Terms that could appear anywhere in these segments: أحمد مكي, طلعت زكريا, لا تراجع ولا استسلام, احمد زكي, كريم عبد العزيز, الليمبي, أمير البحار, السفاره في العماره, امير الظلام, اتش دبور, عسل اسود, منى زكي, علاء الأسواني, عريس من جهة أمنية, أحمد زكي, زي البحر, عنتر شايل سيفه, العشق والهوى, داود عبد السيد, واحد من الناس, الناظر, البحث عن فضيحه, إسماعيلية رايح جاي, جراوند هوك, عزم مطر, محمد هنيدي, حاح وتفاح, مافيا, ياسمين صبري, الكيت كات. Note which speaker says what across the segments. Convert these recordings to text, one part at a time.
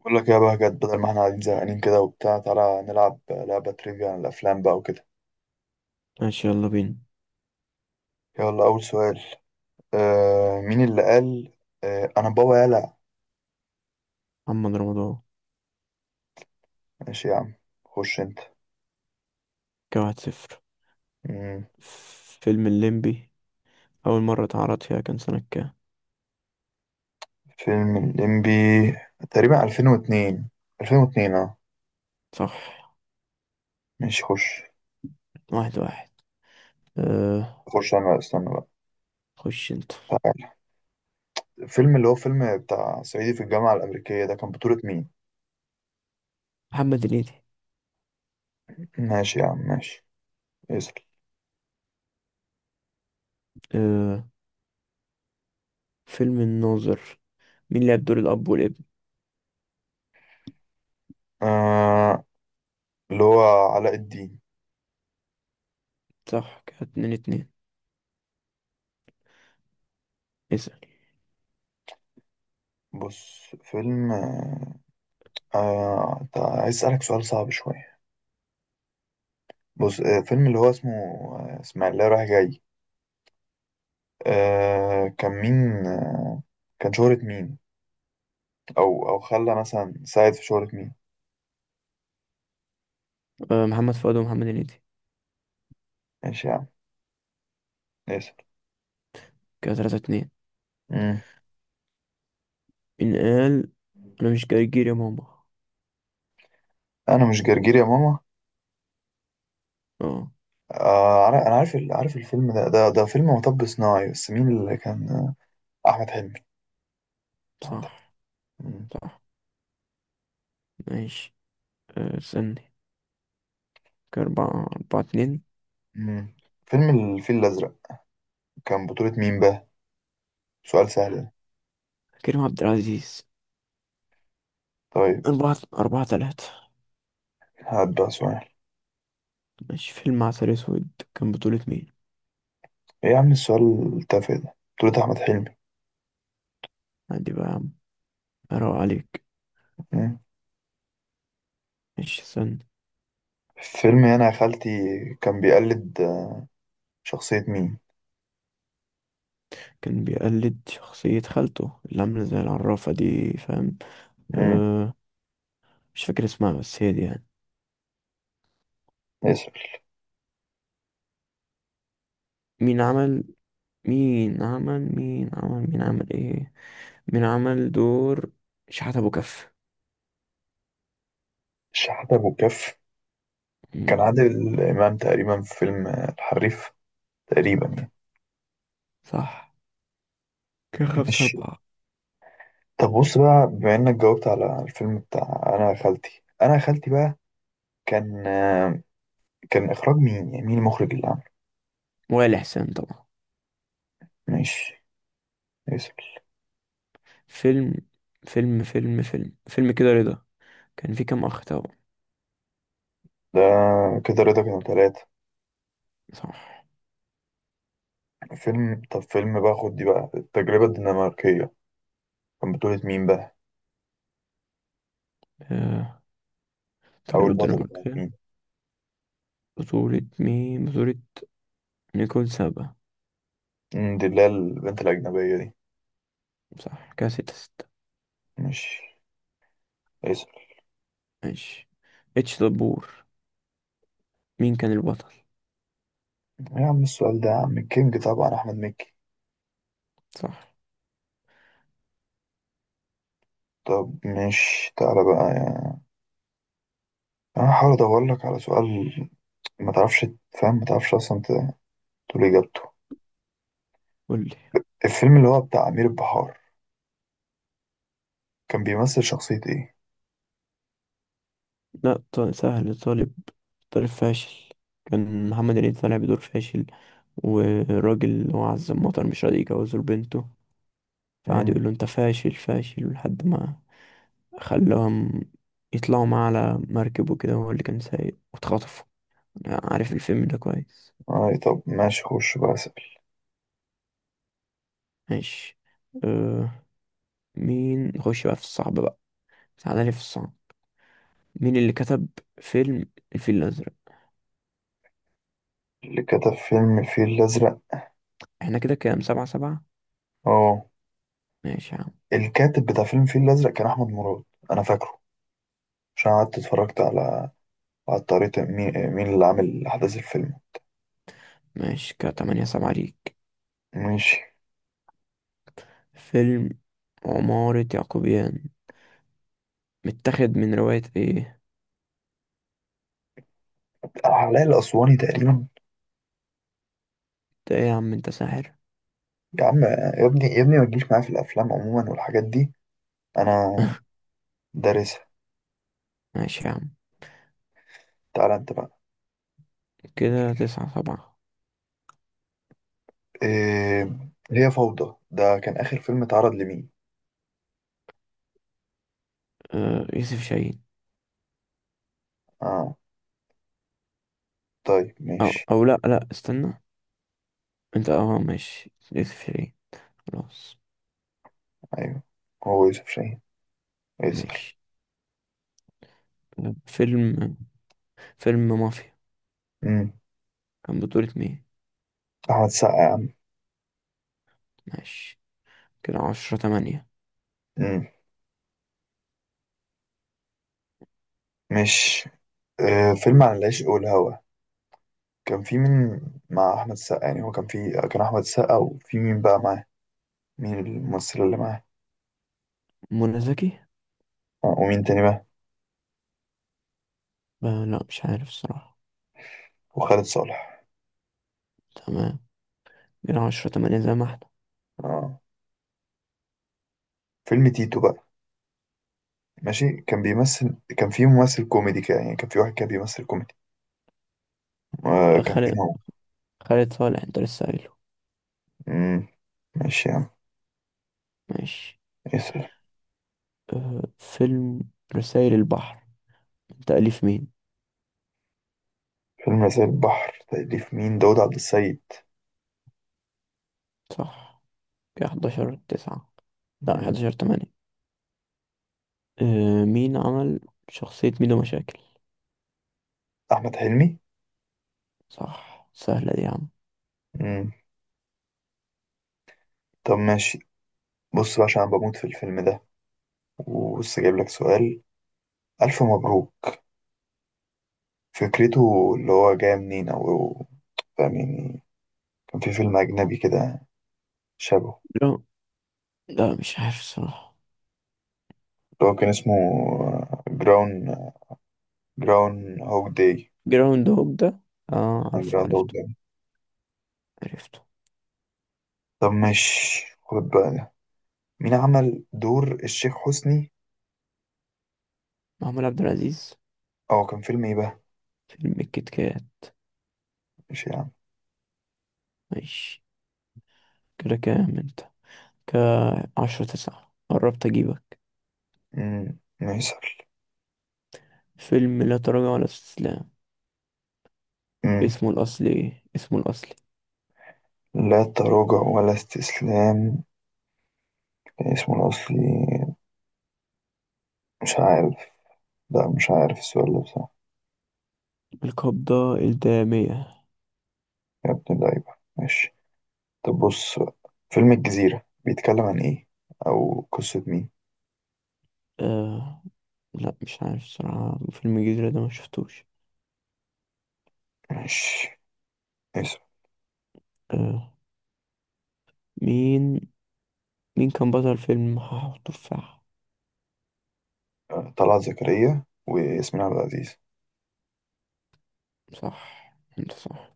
Speaker 1: بقول لك يا بهجت، بدل ما احنا قاعدين زهقانين كده وبتاع، تعالى نلعب لعبة تريفيا عن الأفلام بقى وكده.
Speaker 2: ماشي، يلا بينا.
Speaker 1: يلا أول سؤال. آه، مين اللي قال؟ آه، أنا بابا، يلا.
Speaker 2: محمد رمضان.
Speaker 1: ماشي يا عم، خش أنت.
Speaker 2: كده 1-0.
Speaker 1: مم.
Speaker 2: فيلم الليمبي، أول مرة اتعرض فيها كان سنة كام؟
Speaker 1: فيلم الليمبي تقريبا 2002. اه
Speaker 2: صح.
Speaker 1: ماشي، خش
Speaker 2: 1-1. أه.
Speaker 1: خش أنا استنى بقى.
Speaker 2: خش انت.
Speaker 1: تعالى، الفيلم اللي هو فيلم بتاع صعيدي في الجامعة الأمريكية ده، كان بطولة مين؟
Speaker 2: محمد هنيدي.
Speaker 1: ماشي يا عم، ماشي. اسأل.
Speaker 2: أه فيلم الناظر، مين لعب دور الأب والابن؟
Speaker 1: آه، اللي هو علاء الدين.
Speaker 2: صح، كده 2-2. اسأل.
Speaker 1: بص فيلم طيب، عايز أسألك سؤال صعب شوية. بص فيلم اللي هو اسمه إسماعيلية رايح جاي. كان مين كان شهرة مين؟ أو خلى مثلا ساعد في شهرة مين.
Speaker 2: محمد فؤاد ومحمد هنيدي.
Speaker 1: ماشي يا عم. اسأل.
Speaker 2: كده 3-2.
Speaker 1: مم.
Speaker 2: إن قال: أنا مش جرجير يا ماما.
Speaker 1: أنا مش جرجير يا ماما.
Speaker 2: اه.
Speaker 1: أنا عارف عارف الفيلم ده، فيلم مطب صناعي، بس مين اللي كان؟ أحمد حلمي أحمد
Speaker 2: صح،
Speaker 1: حلمي
Speaker 2: صح. ماشي. استني. كده 4-2.
Speaker 1: مم. فيلم الفيل الأزرق، كان بطولة مين بقى؟ سؤال سهل ده.
Speaker 2: كريم عبد العزيز.
Speaker 1: طيب
Speaker 2: 4-3.
Speaker 1: هات بقى سؤال.
Speaker 2: ماشي، فيلم عسل اسود، كان بطولة مين؟
Speaker 1: إيه يا عم السؤال التافه ده؟ بطولة أحمد حلمي.
Speaker 2: عندي بقى يا عم، اروق عليك.
Speaker 1: مم.
Speaker 2: ماشي، استنى.
Speaker 1: فيلم أنا يا خالتي، كان بيقلد شخصية مين؟
Speaker 2: كان بيقلد شخصية خالته اللي عاملة زي العرافة دي، فاهم؟
Speaker 1: مم.
Speaker 2: أه. مش فاكر اسمها بس هي دي يعني.
Speaker 1: ياسر.
Speaker 2: مين عمل مين عمل مين عمل مين عمل ايه مين عمل دور شحات ابو كف.
Speaker 1: الشحاتة أبو الكف
Speaker 2: مم،
Speaker 1: كان عادل إمام تقريبا في فيلم الحريف، تقريبا يعني.
Speaker 2: صح. كان خمسة
Speaker 1: ماشي.
Speaker 2: أربعة
Speaker 1: طب بص بقى، بما إنك جاوبت على الفيلم بتاع أنا يا خالتي، أنا يا خالتي بقى كان كان إخراج مين؟ يعني مين المخرج اللي عمله؟
Speaker 2: وائل حسين طبعا.
Speaker 1: ماشي. ياسر.
Speaker 2: فيلم فيلم كده رضا، كان فيه كام أخ توأم؟
Speaker 1: ده كده رضا، كانوا تلاتة.
Speaker 2: صح.
Speaker 1: فيلم، طب فيلم بقى، خد دي بقى، التجربة الدنماركية، كان بطولة مين بقى؟
Speaker 2: أه
Speaker 1: أو
Speaker 2: تجربة
Speaker 1: البطلة كانت
Speaker 2: الدنماركية.
Speaker 1: مين؟
Speaker 2: بطولة مين؟ نيكول سابا.
Speaker 1: مم، دي اللي هي البنت الأجنبية دي.
Speaker 2: صح، كده 6-6.
Speaker 1: مش، اسأل.
Speaker 2: ماشي. اتش دبور، مين كان البطل؟
Speaker 1: يا عم السؤال ده، يا عم الكينج طبعا أحمد مكي.
Speaker 2: صح.
Speaker 1: طب مش تعالى بقى يعني، أنا هحاول أدور لك على سؤال ما تعرفش، تفهم ما تعرفش أصلا تقول إجابته.
Speaker 2: قولي.
Speaker 1: الفيلم اللي هو بتاع أمير البحار، كان بيمثل شخصية إيه؟
Speaker 2: لا، سهل. طالب فاشل. كان محمد هنيدي طالع بدور فاشل، وراجل اللي هو عزم مطر مش راضي يجوزه لبنته، فقعد
Speaker 1: مم.
Speaker 2: يقول له: انت فاشل فاشل لحد ما خلاهم يطلعوا معاه على مركب، وكده هو اللي كان سايق واتخطفوا. عارف الفيلم ده كويس.
Speaker 1: آه طب ماشي، خش بقى أسأل.
Speaker 2: ماشي. أه مين نخش بقى في الصعب بقى؟ سعادة في الصعب. مين اللي كتب فيلم الفيل الأزرق؟
Speaker 1: اللي كتب فيلم الفيل الأزرق؟
Speaker 2: احنا كده كام؟ 7-7.
Speaker 1: أه،
Speaker 2: ماشي يا عم.
Speaker 1: الكاتب بتاع فيلم الفيل الأزرق كان أحمد مراد، أنا فاكره عشان قعدت اتفرجت على، الطريقة. مين اللي عامل أحداث الفيلم؟
Speaker 2: ماشي، كده 8-7 ليك.
Speaker 1: ماشي.
Speaker 2: فيلم عمارة يعقوبيان، متاخد من رواية ايه؟
Speaker 1: علاء الأسواني تقريبا.
Speaker 2: انت ايه يا عم؟ انت ساحر.
Speaker 1: يا عم يا ابني، يا ابني ما تجيش معايا في الافلام عموما والحاجات دي، انا دارسها.
Speaker 2: ماشي يا عم.
Speaker 1: تعالى انت بقى.
Speaker 2: كده 9-7.
Speaker 1: إيه، هي فوضى ده كان اخر فيلم اتعرض لمين؟
Speaker 2: أه، يوسف شاهين.
Speaker 1: اه، طيب
Speaker 2: أو,
Speaker 1: ماشي.
Speaker 2: أو لأ لأ، استنى. انت، اه، ماشي يوسف شاهين. خلاص.
Speaker 1: ايوه، هو يوسف شاهين يسأل.
Speaker 2: ماشي. فيلم فيلم مافيا،
Speaker 1: امم،
Speaker 2: كان بطولة مين؟
Speaker 1: احمد السقا يا عم.
Speaker 2: ماشي، كده 10-8.
Speaker 1: امم، مش، إيه فيلم عن العشق والهوى، كان في مين مع احمد السقا؟ يعني هو كان في، كان احمد السقا وفي مين بقى معاه، مين الممثل اللي معاه؟
Speaker 2: منى زكي.
Speaker 1: آه. ومين تاني بقى؟
Speaker 2: لا، مش عارف الصراحة.
Speaker 1: وخالد صالح.
Speaker 2: تمام، كده 10-8 زي ما احنا.
Speaker 1: اه، فيلم تيتو بقى، ماشي. كان بيمثل، كان في ممثل كوميدي كده يعني، كان في واحد كان بيمثل كوميدي،
Speaker 2: آه،
Speaker 1: كان مين
Speaker 2: خالد
Speaker 1: هو؟
Speaker 2: خالد صالح، انت لسه قايله.
Speaker 1: مم، ماشي يا عم.
Speaker 2: ماشي.
Speaker 1: اسأل.
Speaker 2: فيلم رسائل البحر، من تأليف مين؟
Speaker 1: فيلم زي البحر تأليف مين؟ داود عبد السيد.
Speaker 2: صح، كده 11-9. لا،
Speaker 1: مم،
Speaker 2: 11-8. مين عمل شخصية ميدو مشاكل؟
Speaker 1: أحمد حلمي.
Speaker 2: صح، سهلة دي يا عم.
Speaker 1: مم، طب ماشي. بص بقى، عشان أنا بموت في الفيلم ده، وبص جايب لك سؤال. ألف مبروك، فكرته اللي هو جاي منين، أو فاهم يعني، كان في فيلم أجنبي كده شبهه،
Speaker 2: جرا- لا، مش عارف الصراحة.
Speaker 1: اللي هو كان اسمه جراون جراون هوك داي،
Speaker 2: جراوند هوك ده. اه، عارفه،
Speaker 1: جراوند هوك
Speaker 2: عرفته.
Speaker 1: داي.
Speaker 2: عرفته.
Speaker 1: طب ماشي، خد بقى. مين عمل دور الشيخ حسني؟
Speaker 2: محمود عبد العزيز.
Speaker 1: اه، كان فيلم ايه بقى؟
Speaker 2: فيلم الكيت كات.
Speaker 1: مش يعني،
Speaker 2: ماشي، كده كام انت؟ كعشرة تسعة، قربت اجيبك.
Speaker 1: امم، ميسر.
Speaker 2: فيلم لا تراجع ولا استسلام،
Speaker 1: امم،
Speaker 2: اسمه الأصلي إيه؟ اسمه الأصلي.
Speaker 1: لا تراجع ولا استسلام، كان اسمه الأصلي، مش عارف، لا مش عارف السؤال ده بصراحة.
Speaker 2: القبضة الدامية.
Speaker 1: يا ابن اللعيبة، ماشي. طب بص بقى. فيلم الجزيرة بيتكلم عن ايه، أو قصة مين؟
Speaker 2: آه لا، مش عارف الصراحة. فيلم الجزيرة ده ما شفتوش.
Speaker 1: ماشي. اسم،
Speaker 2: آه مين مين كان بطل فيلم حاح وتفاح؟
Speaker 1: طلعت زكريا وياسمين عبد العزيز.
Speaker 2: صح انت صح.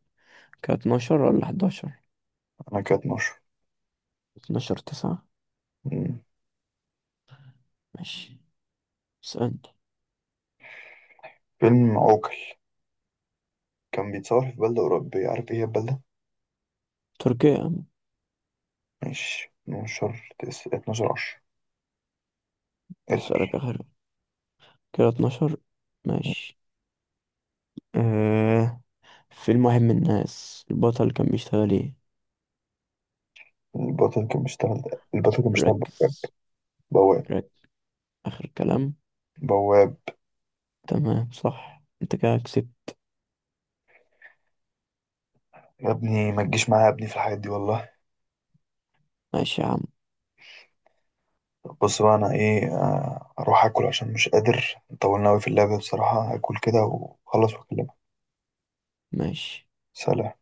Speaker 2: كانت 12 ولا 11،
Speaker 1: أنا كانت نشر.
Speaker 2: 12-9.
Speaker 1: أمم.
Speaker 2: ماشي، اسألني.
Speaker 1: فيلم عوكل كان بيتصور في بلدة أوروبية، عارف ايه هي البلدة؟
Speaker 2: تركيا.
Speaker 1: ماشي 12 12 10. اسأل.
Speaker 2: أسألك آخر كده، 12. ماشي. آه فيلم واحد من الناس، البطل كان بيشتغل ايه؟
Speaker 1: البطل كان بيشتغل، بواب.
Speaker 2: ركز،
Speaker 1: بواب.
Speaker 2: ركز، آخر كلام.
Speaker 1: بواب.
Speaker 2: تمام، صح انت، كده كسبت.
Speaker 1: يا ابني ما تجيش معايا يا ابني في الحاجات دي والله.
Speaker 2: ماشي يا عم،
Speaker 1: بص بقى، انا ايه، اروح اكل عشان مش قادر، طولنا اوي في اللعبة بصراحة. هاكل كده واخلص واكلمك.
Speaker 2: ماشي.
Speaker 1: سلام.